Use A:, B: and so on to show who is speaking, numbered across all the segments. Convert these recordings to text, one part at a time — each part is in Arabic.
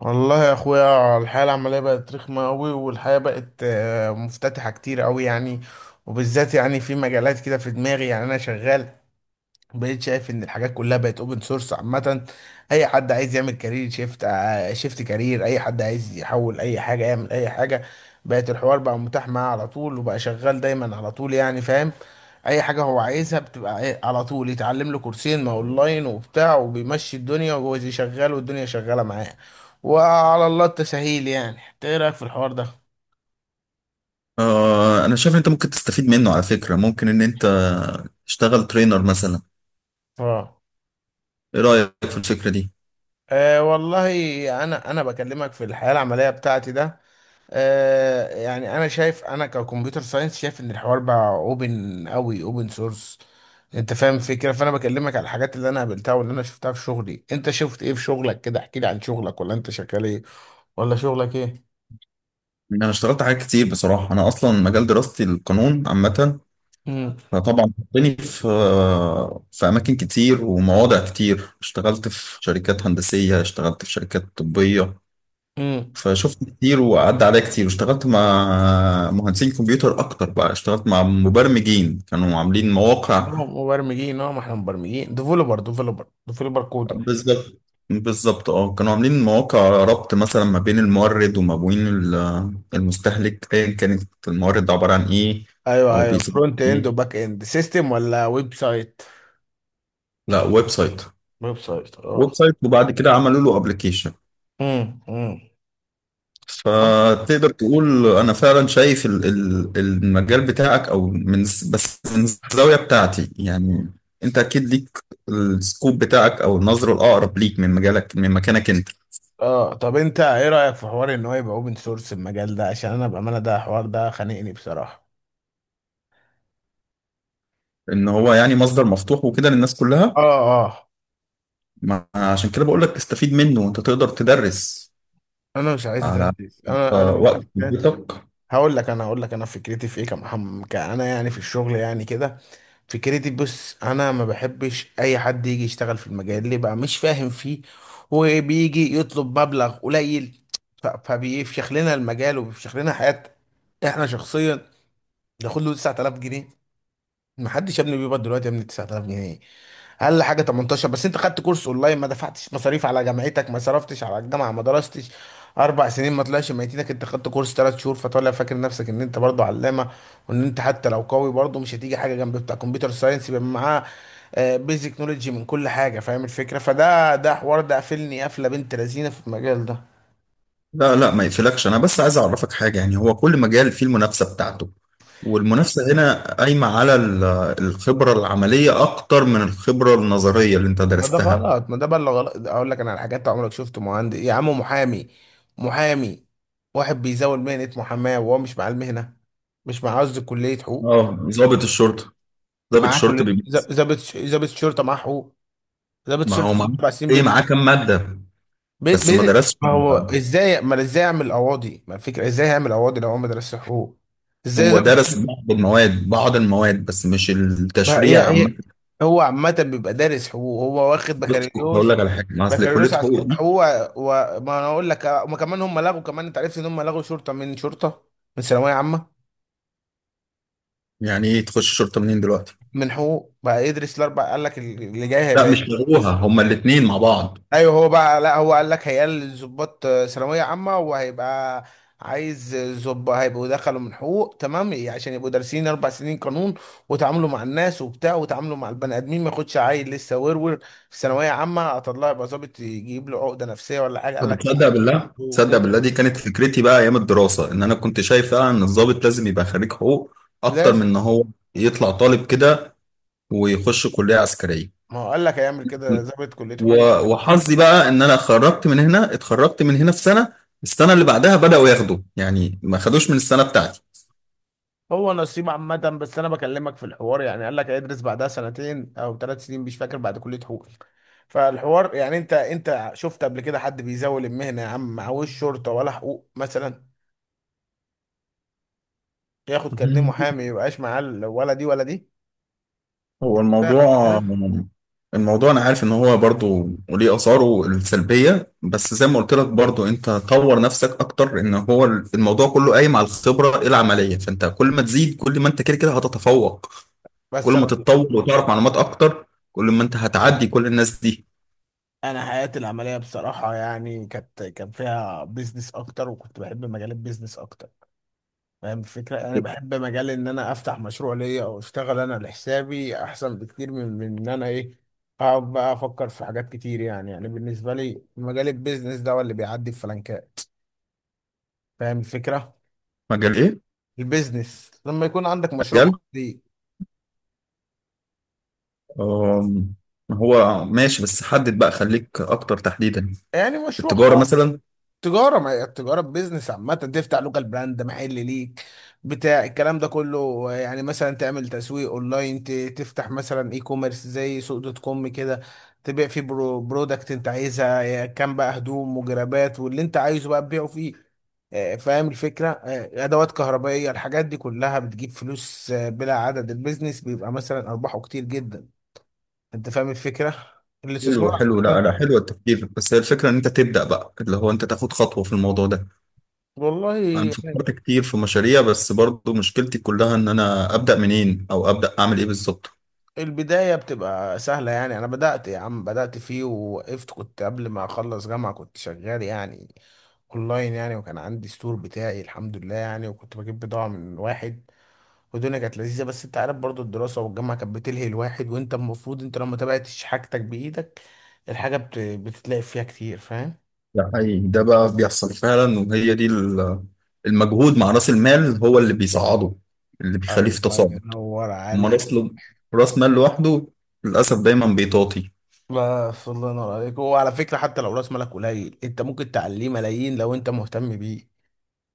A: والله يا اخويا الحياه العمليه بقت رخمه قوي، والحياه بقت مفتتحه كتير قوي، يعني وبالذات يعني في مجالات كده في دماغي، يعني انا شغال بقيت شايف ان الحاجات كلها بقت اوبن سورس عامه. اي حد عايز يعمل كارير شيفت، شيفت كارير، اي حد عايز يحول اي حاجه يعمل اي حاجه. بقت الحوار بقى متاح معاه على طول وبقى شغال دايما على طول، يعني فاهم. اي حاجه هو عايزها بتبقى ايه على طول، يتعلم له كورسين ما اونلاين وبتاع وبيمشي الدنيا، وهو زي شغال والدنيا شغاله معاه. وعلى الله التسهيل، يعني إنت ايه رايك في الحوار ده؟
B: آه، انا شايف ان انت ممكن تستفيد منه على فكرة. ممكن ان انت تشتغل ترينر مثلا.
A: اه.
B: ايه رأيك في الفكرة دي؟
A: والله انا بكلمك في الحياه العمليه بتاعتي ده. آه، يعني انا شايف، انا ككمبيوتر ساينس شايف ان الحوار بقى اوبن قوي، اوبن سورس. انت فاهم الفكره، فانا بكلمك على الحاجات اللي انا قابلتها واللي انا شفتها في شغلي. انت شفت ايه في شغلك كده؟ احكي لي عن شغلك، ولا انت شغال ايه؟ ولا شغلك ايه؟
B: يعني انا اشتغلت حاجات كتير بصراحة. انا اصلا مجال دراستي القانون عامة،
A: امم
B: فطبعا حطني في اماكن كتير ومواضع كتير. اشتغلت في شركات هندسية، اشتغلت في شركات طبية،
A: امم
B: فشفت كتير وعدى عليا كتير، واشتغلت مع مهندسين كمبيوتر اكتر، بقى اشتغلت مع مبرمجين كانوا عاملين مواقع.
A: مبرمجين، اه، ما احنا مبرمجين ديفلوبر، كودر.
B: بالظبط. بالظبط اه، كانوا عاملين مواقع ربط مثلا ما بين المورد وما بين المستهلك، ايا كانت المورد عبارة عن ايه
A: ايوه
B: او
A: ايوه،
B: بيسموه
A: فرونت اند
B: ايه.
A: وباك اند سيستم ولا ويب سايت؟
B: لا، ويب سايت.
A: ويب سايت،
B: ويب
A: اه.
B: سايت، وبعد كده عملوا له ابلكيشن.
A: امم امم
B: فتقدر تقول انا فعلا شايف المجال بتاعك، او من بس من الزاوية بتاعتي يعني. انت اكيد ليك السكوب بتاعك او النظرة الاقرب ليك من مجالك من مكانك انت.
A: اه، طب انت ايه رأيك في حوار ان هو يبقى اوبن سورس المجال ده؟ عشان انا بأمانة، ده حوار ده خانقني بصراحة.
B: ان هو يعني مصدر مفتوح وكده للناس كلها.
A: اه. اه،
B: ما عشان كده بقول لك استفيد منه وانت تقدر تدرس
A: انا مش عايز
B: على
A: ادرس، انا
B: آه،
A: بشوف
B: وقت
A: ناس.
B: بيتك.
A: هقول لك، انا هقول لك انا فكرتي في ايه كمحمد كأنا يعني في الشغل يعني كده. فكرتي بص، انا ما بحبش اي حد يجي يشتغل في المجال اللي بقى مش فاهم فيه، وبيجي يطلب مبلغ قليل. فبيفشخ لنا المجال، وبيفشخ لنا حياة احنا شخصيا. ناخد له 9000 جنيه. ما حدش يا ابني بيقبض دلوقتي يا ابني 9000 جنيه. اقل حاجه 18. بس انت خدت كورس اونلاين، ما دفعتش مصاريف على جامعتك، ما صرفتش على الجامعه، ما درستش اربع سنين، ما طلعش ميتينك. انت خدت كورس ثلاث شهور فطالع فاكر نفسك ان انت برضه علامه، وان انت حتى لو قوي برضه مش هتيجي حاجه جنب بتاع كمبيوتر ساينس يبقى معاه بيزك نولوجي من كل حاجه. فاهم الفكره؟ فده حوار ده قافلني قفله بنت لذينه في المجال ده.
B: لا لا، ما يقفلكش، انا بس عايز اعرفك حاجه. يعني هو كل مجال فيه المنافسه بتاعته، والمنافسه هنا قايمه على الخبره العمليه اكتر من الخبره النظريه اللي انت
A: ما ده
B: درستها.
A: غلط، ما ده بقى اللي غلط. ده اقول لك انا على حاجات. عمرك شفت مهندس يا عم محامي؟ محامي، واحد بيزاول مهنة محاماة وهو مش مع المهنة، مش مع، قصدي كلية حقوق.
B: اه، ضابط الشرطه. ضابط
A: معاه
B: الشرطه
A: كلية،
B: بيميز.
A: ضابط شرطة معاه حقوق. ضابط
B: ما هو
A: شرطة في
B: معاه
A: الأربع سنين
B: ايه؟
A: بيدرس
B: معاه كام
A: حقوق.
B: ماده؟ بس ما درسش
A: ما هو
B: ال-
A: ازاي، ما ازاي يعمل قواضي، ما الفكرة ازاي هيعمل قواضي لو هو ما درسش حقوق؟ ازاي
B: هو
A: ضابط
B: درس
A: شرطة؟
B: بعض المواد، بعض المواد بس مش
A: ما هي
B: التشريع عامه.
A: هي هو عامة بيبقى دارس حقوق، هو واخد
B: بص، هقول
A: بكالوريوس.
B: لك على حاجه، ما اصل كليه
A: بكالوريوس
B: حقوق.
A: عسكري هو، و... ما انا اقول لك، ما كمان هم لغوا، كمان انت عرفت ان هم لغوا شرطه من شرطه من ثانويه عامه.
B: يعني ايه تخش شرطة منين دلوقتي؟
A: من حقوق بقى يدرس الاربع، قال لك اللي جاي
B: لا
A: هيبقى
B: مش
A: يدرس.
B: لغوها، هما الاتنين مع بعض.
A: ايوه هو بقى، لا، هو قال لك هيقل الضباط ثانويه عامه، وهيبقى عايز ظباط هيبقوا دخلوا من حقوق، تمام؟ عشان يبقوا دارسين اربع سنين قانون، وتعاملوا مع الناس وبتاع، وتعاملوا مع البني ادمين. ما ياخدش عيل لسه ورور في ثانويه عامه اطلع يبقى ظابط، يجيب له عقده نفسيه ولا حاجه. قال
B: طب
A: لك لا،
B: تصدق بالله؟
A: حقوق.
B: تصدق بالله،
A: إيه؟
B: دي كانت فكرتي بقى ايام الدراسة، ان انا كنت شايف فعلا ان الضابط لازم يبقى خريج حقوق اكتر من
A: لا،
B: ان هو يطلع طالب كده ويخش كلية عسكرية.
A: ما هو قال لك هيعمل كده، ضابط كلية
B: و-
A: حقوق شرطة.
B: وحظي بقى ان انا خرجت من هنا، اتخرجت من هنا في سنة، السنة اللي بعدها بدأوا ياخدوا، يعني ما خدوش من السنة
A: هو نصيب عامة، بس أنا بكلمك في الحوار، يعني قال لك هيدرس بعدها سنتين أو ثلاث سنين مش فاكر بعد كلية حقوق. فالحوار يعني، أنت شفت قبل كده حد بيزاول المهنة يا عم معهوش شرطة ولا حقوق مثلا؟ ياخد كارنيه
B: بتاعتي.
A: محامي ميبقاش معاه ال-، ولا دي ولا دي.
B: هو
A: لا، قبل
B: الموضوع،
A: كده.
B: الموضوع انا عارف ان هو برضو وليه اثاره السلبيه، بس زي ما قلت لك برضو، انت طور نفسك اكتر. ان هو الموضوع كله قايم على الخبره العمليه، فانت كل ما تزيد، كل ما انت كده كده هتتفوق. كل
A: بس
B: ما
A: أنا،
B: تتطور وتعرف معلومات اكتر، كل ما انت هتعدي كل الناس دي.
A: أنا حياتي العملية بصراحة يعني كانت، كان فيها بيزنس أكتر، وكنت بحب مجال البيزنس أكتر. فاهم الفكرة؟ أنا بحب مجال إن أنا أفتح مشروع ليا، أو أشتغل أنا لحسابي أحسن بكتير من إن أنا إيه، أقعد بقى أفكر في حاجات كتير. يعني يعني بالنسبة لي مجال البيزنس ده هو اللي بيعدي الفلنكات. فاهم الفكرة؟
B: مجال ايه؟
A: البيزنس لما يكون عندك مشروع
B: مجال
A: خاص ليك.
B: أم، هو ماشي، بس حدد بقى، خليك اكتر تحديدا.
A: يعني مشروع
B: التجاره
A: خاص.
B: مثلا؟
A: تجارة، ما هي التجارة بيزنس. عامة تفتح لوكال براند محل ليك بتاع الكلام ده كله، يعني مثلا تعمل تسويق اونلاين، تفتح مثلا اي كوميرس زي سوق دوت كوم كده، تبيع فيه برودكت انت عايزها، يا كان بقى هدوم وجرابات واللي انت عايزه بقى تبيعه فيه. فاهم الفكرة؟ ادوات كهربائية، الحاجات دي كلها بتجيب فلوس، بلا عدد. البيزنس بيبقى مثلا ارباحه كتير جدا. انت فاهم الفكرة؟
B: حلو
A: الاستثمار.
B: حلو، لا لا،
A: عامة،
B: حلو التفكير، بس هي الفكره ان انت تبدا بقى، اللي هو انت تاخد خطوه في الموضوع ده.
A: والله
B: انا فكرت كتير في مشاريع، بس برضو مشكلتي كلها ان انا ابدا منين او ابدا اعمل ايه بالظبط.
A: البداية بتبقى سهلة، يعني أنا بدأت يا عم، بدأت فيه ووقفت. كنت قبل ما أخلص جامعة كنت شغال يعني أونلاين يعني، وكان عندي ستور بتاعي الحمد لله يعني، وكنت بجيب بضاعة من واحد. والدنيا كانت لذيذة، بس أنت عارف برضو الدراسة والجامعة كانت بتلهي الواحد، وأنت المفروض أنت لو ما تابعتش حاجتك بإيدك، الحاجة بتتلاقي فيها كتير. فاهم؟
B: ده حقيقي، ده بقى بيحصل فعلا، وهي دي المجهود مع راس المال هو اللي بيصعده، اللي بيخليه في
A: الله
B: تصاعد.
A: ينور
B: اما
A: عليك.
B: راس مال لوحده للاسف دايما بيطاطي.
A: بس الله ينور عليك، وعلى فكرة حتى لو رأس مالك قليل أنت ممكن تعليه ملايين لو أنت مهتم بيه.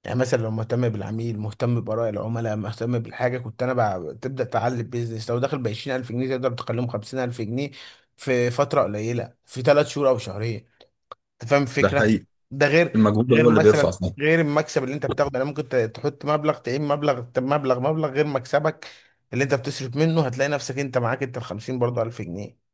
A: يعني مثلا لو مهتم بالعميل، مهتم بآراء العملاء، مهتم بالحاجة. كنت أنا بقى تبدأ تعلي البيزنس لو داخل بعشرين ألف جنيه تقدر تقلمه خمسين ألف جنيه في فترة قليلة، في ثلاث شهور أو شهرين. أنت فاهم
B: ده
A: الفكرة؟
B: حقيقي.
A: ده غير،
B: المجهود
A: غير
B: هو اللي بيرفع
A: مثلا
B: صوته.
A: غير المكسب اللي أنت بتاخده، يعني ممكن تحط مبلغ، تعين مبلغ، مبلغ غير مكسبك اللي أنت بتصرف منه، هتلاقي نفسك أنت معاك أنت ال 50 برضه ألف جنيه.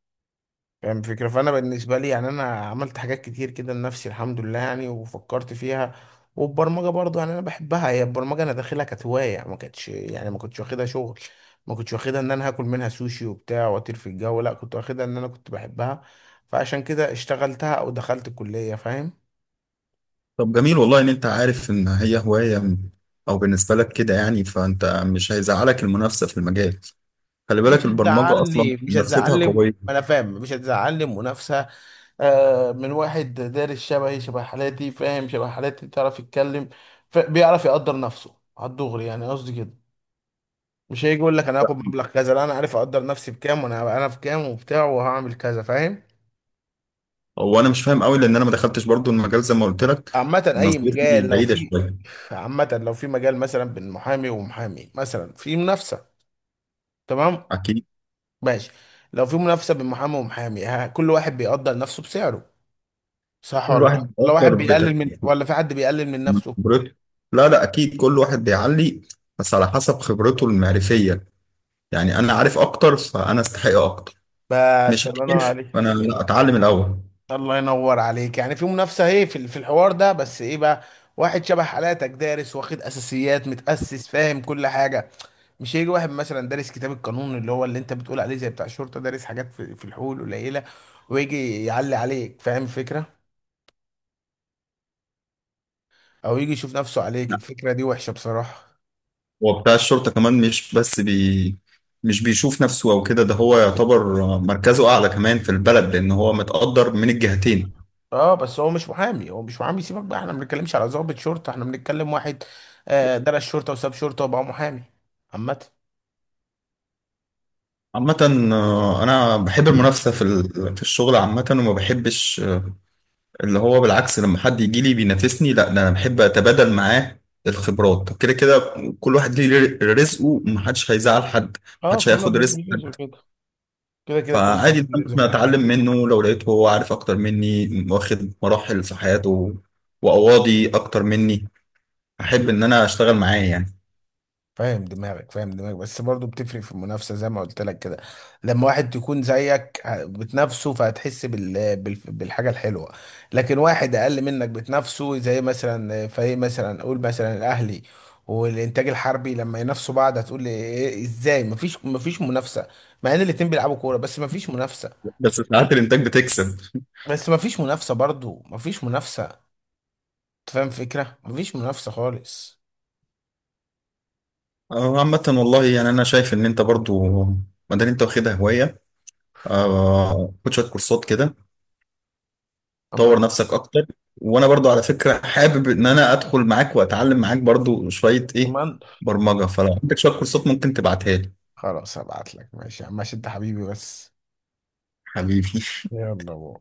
A: فاهم الفكرة؟ فأنا بالنسبة لي يعني أنا عملت حاجات كتير كده لنفسي الحمد لله يعني، وفكرت فيها. والبرمجة برضو يعني أنا بحبها هي، البرمجة أنا داخلها كانت هواية، ما كانتش يعني، ما كنتش واخدها شغل. ما كنتش واخدها إن أنا هاكل منها سوشي وبتاع وأطير في الجو، لا كنت واخدها إن أنا كنت بحبها. فعشان كده اشتغلتها أو دخلت الكلية، فاهم؟
B: طب جميل والله، ان انت عارف ان هي هوايه او بالنسبه لك كده يعني، فانت مش هيزعلك المنافسه في المجال. خلي بالك
A: مش
B: البرمجه اصلا
A: هتزعلني مش
B: منافستها
A: هتزعلني ما
B: قويه.
A: انا فاهم، مش هتزعلني منافسه. من واحد دارس شبهي، شبه حالاتي، فاهم شبه حالاتي بتعرف يتكلم. بيعرف يقدر نفسه على الدغري، يعني قصدي كده. مش هيجي يقول لك انا هاخد مبلغ كذا، لا انا عارف اقدر نفسي بكام، وانا هبقى انا في كام وبتاع وهعمل كذا، فاهم؟
B: هو انا مش فاهم قوي لان انا ما دخلتش برضو المجال زي ما قلت لك،
A: عامة اي
B: نظرتي
A: مجال لو
B: بعيده
A: في،
B: شويه.
A: عامة لو في مجال مثلا بين محامي ومحامي مثلا في منافسة، تمام؟
B: اكيد.
A: ماشي. لو في منافسة بين محامي ومحامي، كل واحد بيقدر نفسه بسعره. صح ولا
B: كل
A: غلط؟
B: واحد
A: ولا
B: بيفكر
A: واحد بيقلل من،
B: بتفكيره
A: ولا في حد بيقلل من
B: من
A: نفسه؟
B: خبرته. لا لا، اكيد كل واحد بيعلي بس على حسب خبرته المعرفيه. يعني انا عارف اكتر فانا استحق اكتر،
A: بس
B: مش
A: الله ينور
B: عارف
A: عليك.
B: فانا لا اتعلم الاول.
A: الله ينور عليك، يعني في منافسة ايه في في الحوار ده؟ بس ايه بقى، واحد شبه حالاتك دارس واخد اساسيات متأسس فاهم كل حاجة. مش هيجي واحد مثلا دارس كتاب القانون اللي هو اللي انت بتقول عليه زي بتاع الشرطة دارس حاجات في الحقوق القليلة، ويجي يعلي عليك، فاهم الفكرة؟ او يجي يشوف نفسه عليك.
B: لا،
A: الفكرة دي وحشة بصراحة.
B: هو بتاع الشرطه كمان، مش بس بي مش بيشوف نفسه او كده، ده هو يعتبر مركزه اعلى كمان في البلد، لان هو متقدر من الجهتين.
A: اه، بس هو مش محامي، هو مش محامي. سيبك بقى، احنا ما بنتكلمش على ضابط شرطة، احنا بنتكلم واحد درس شرطة وساب شرطة وبقى محامي. عامة.
B: عامة، آه، أنا بحب المنافسة في في الشغل عامة، وما بحبش، آه، اللي هو بالعكس، لما حد يجي لي بينافسني، لا ده أنا بحب أتبادل معاه الخبرات. كده كده كل واحد ليه رزقه ومحدش هيزعل حد،
A: اه،
B: محدش
A: كل
B: هياخد
A: واحد
B: رزق
A: ليه جزء
B: حد.
A: كده، كده كده كل
B: فعادي
A: واحد
B: إن
A: ليه ميزه
B: أنا
A: في
B: أتعلم
A: الحلقه.
B: منه لو لقيته هو عارف أكتر مني، واخد مراحل في حياته وأواضي أكتر مني، أحب إن أنا أشتغل معاه يعني.
A: فاهم دماغك بس برضو بتفرق في المنافسة زي ما قلت لك كده. لما واحد يكون زيك بتنافسه فهتحس بالحاجة الحلوة. لكن واحد أقل منك بتنافسه زي مثلا فريق مثلا، قول مثلا الأهلي والإنتاج الحربي لما ينافسوا بعض، هتقول لي إيه- إيه، إزاي مفيش منافسة مع إن الاتنين بيلعبوا كورة؟ بس مفيش منافسة.
B: بس ساعات الإنتاج بتكسب.
A: بس مفيش منافسة، أنت فاهم الفكرة، مفيش منافسة خالص.
B: آه، عامة والله، يعني أنا شايف إن أنت برضو ما دام أنت واخدها هواية، آه، خد شويه كورسات كده، طور نفسك اكتر. وانا برضو على فكره حابب ان انا ادخل معاك واتعلم معاك برضو شويه ايه،
A: أمر.
B: برمجه، فلو عندك شويه كورسات ممكن تبعتها لي.
A: خلاص هبعت لك، ماشي يا عم، ماشي انت حبيبي. بس
B: حبيبي.
A: يلا بو.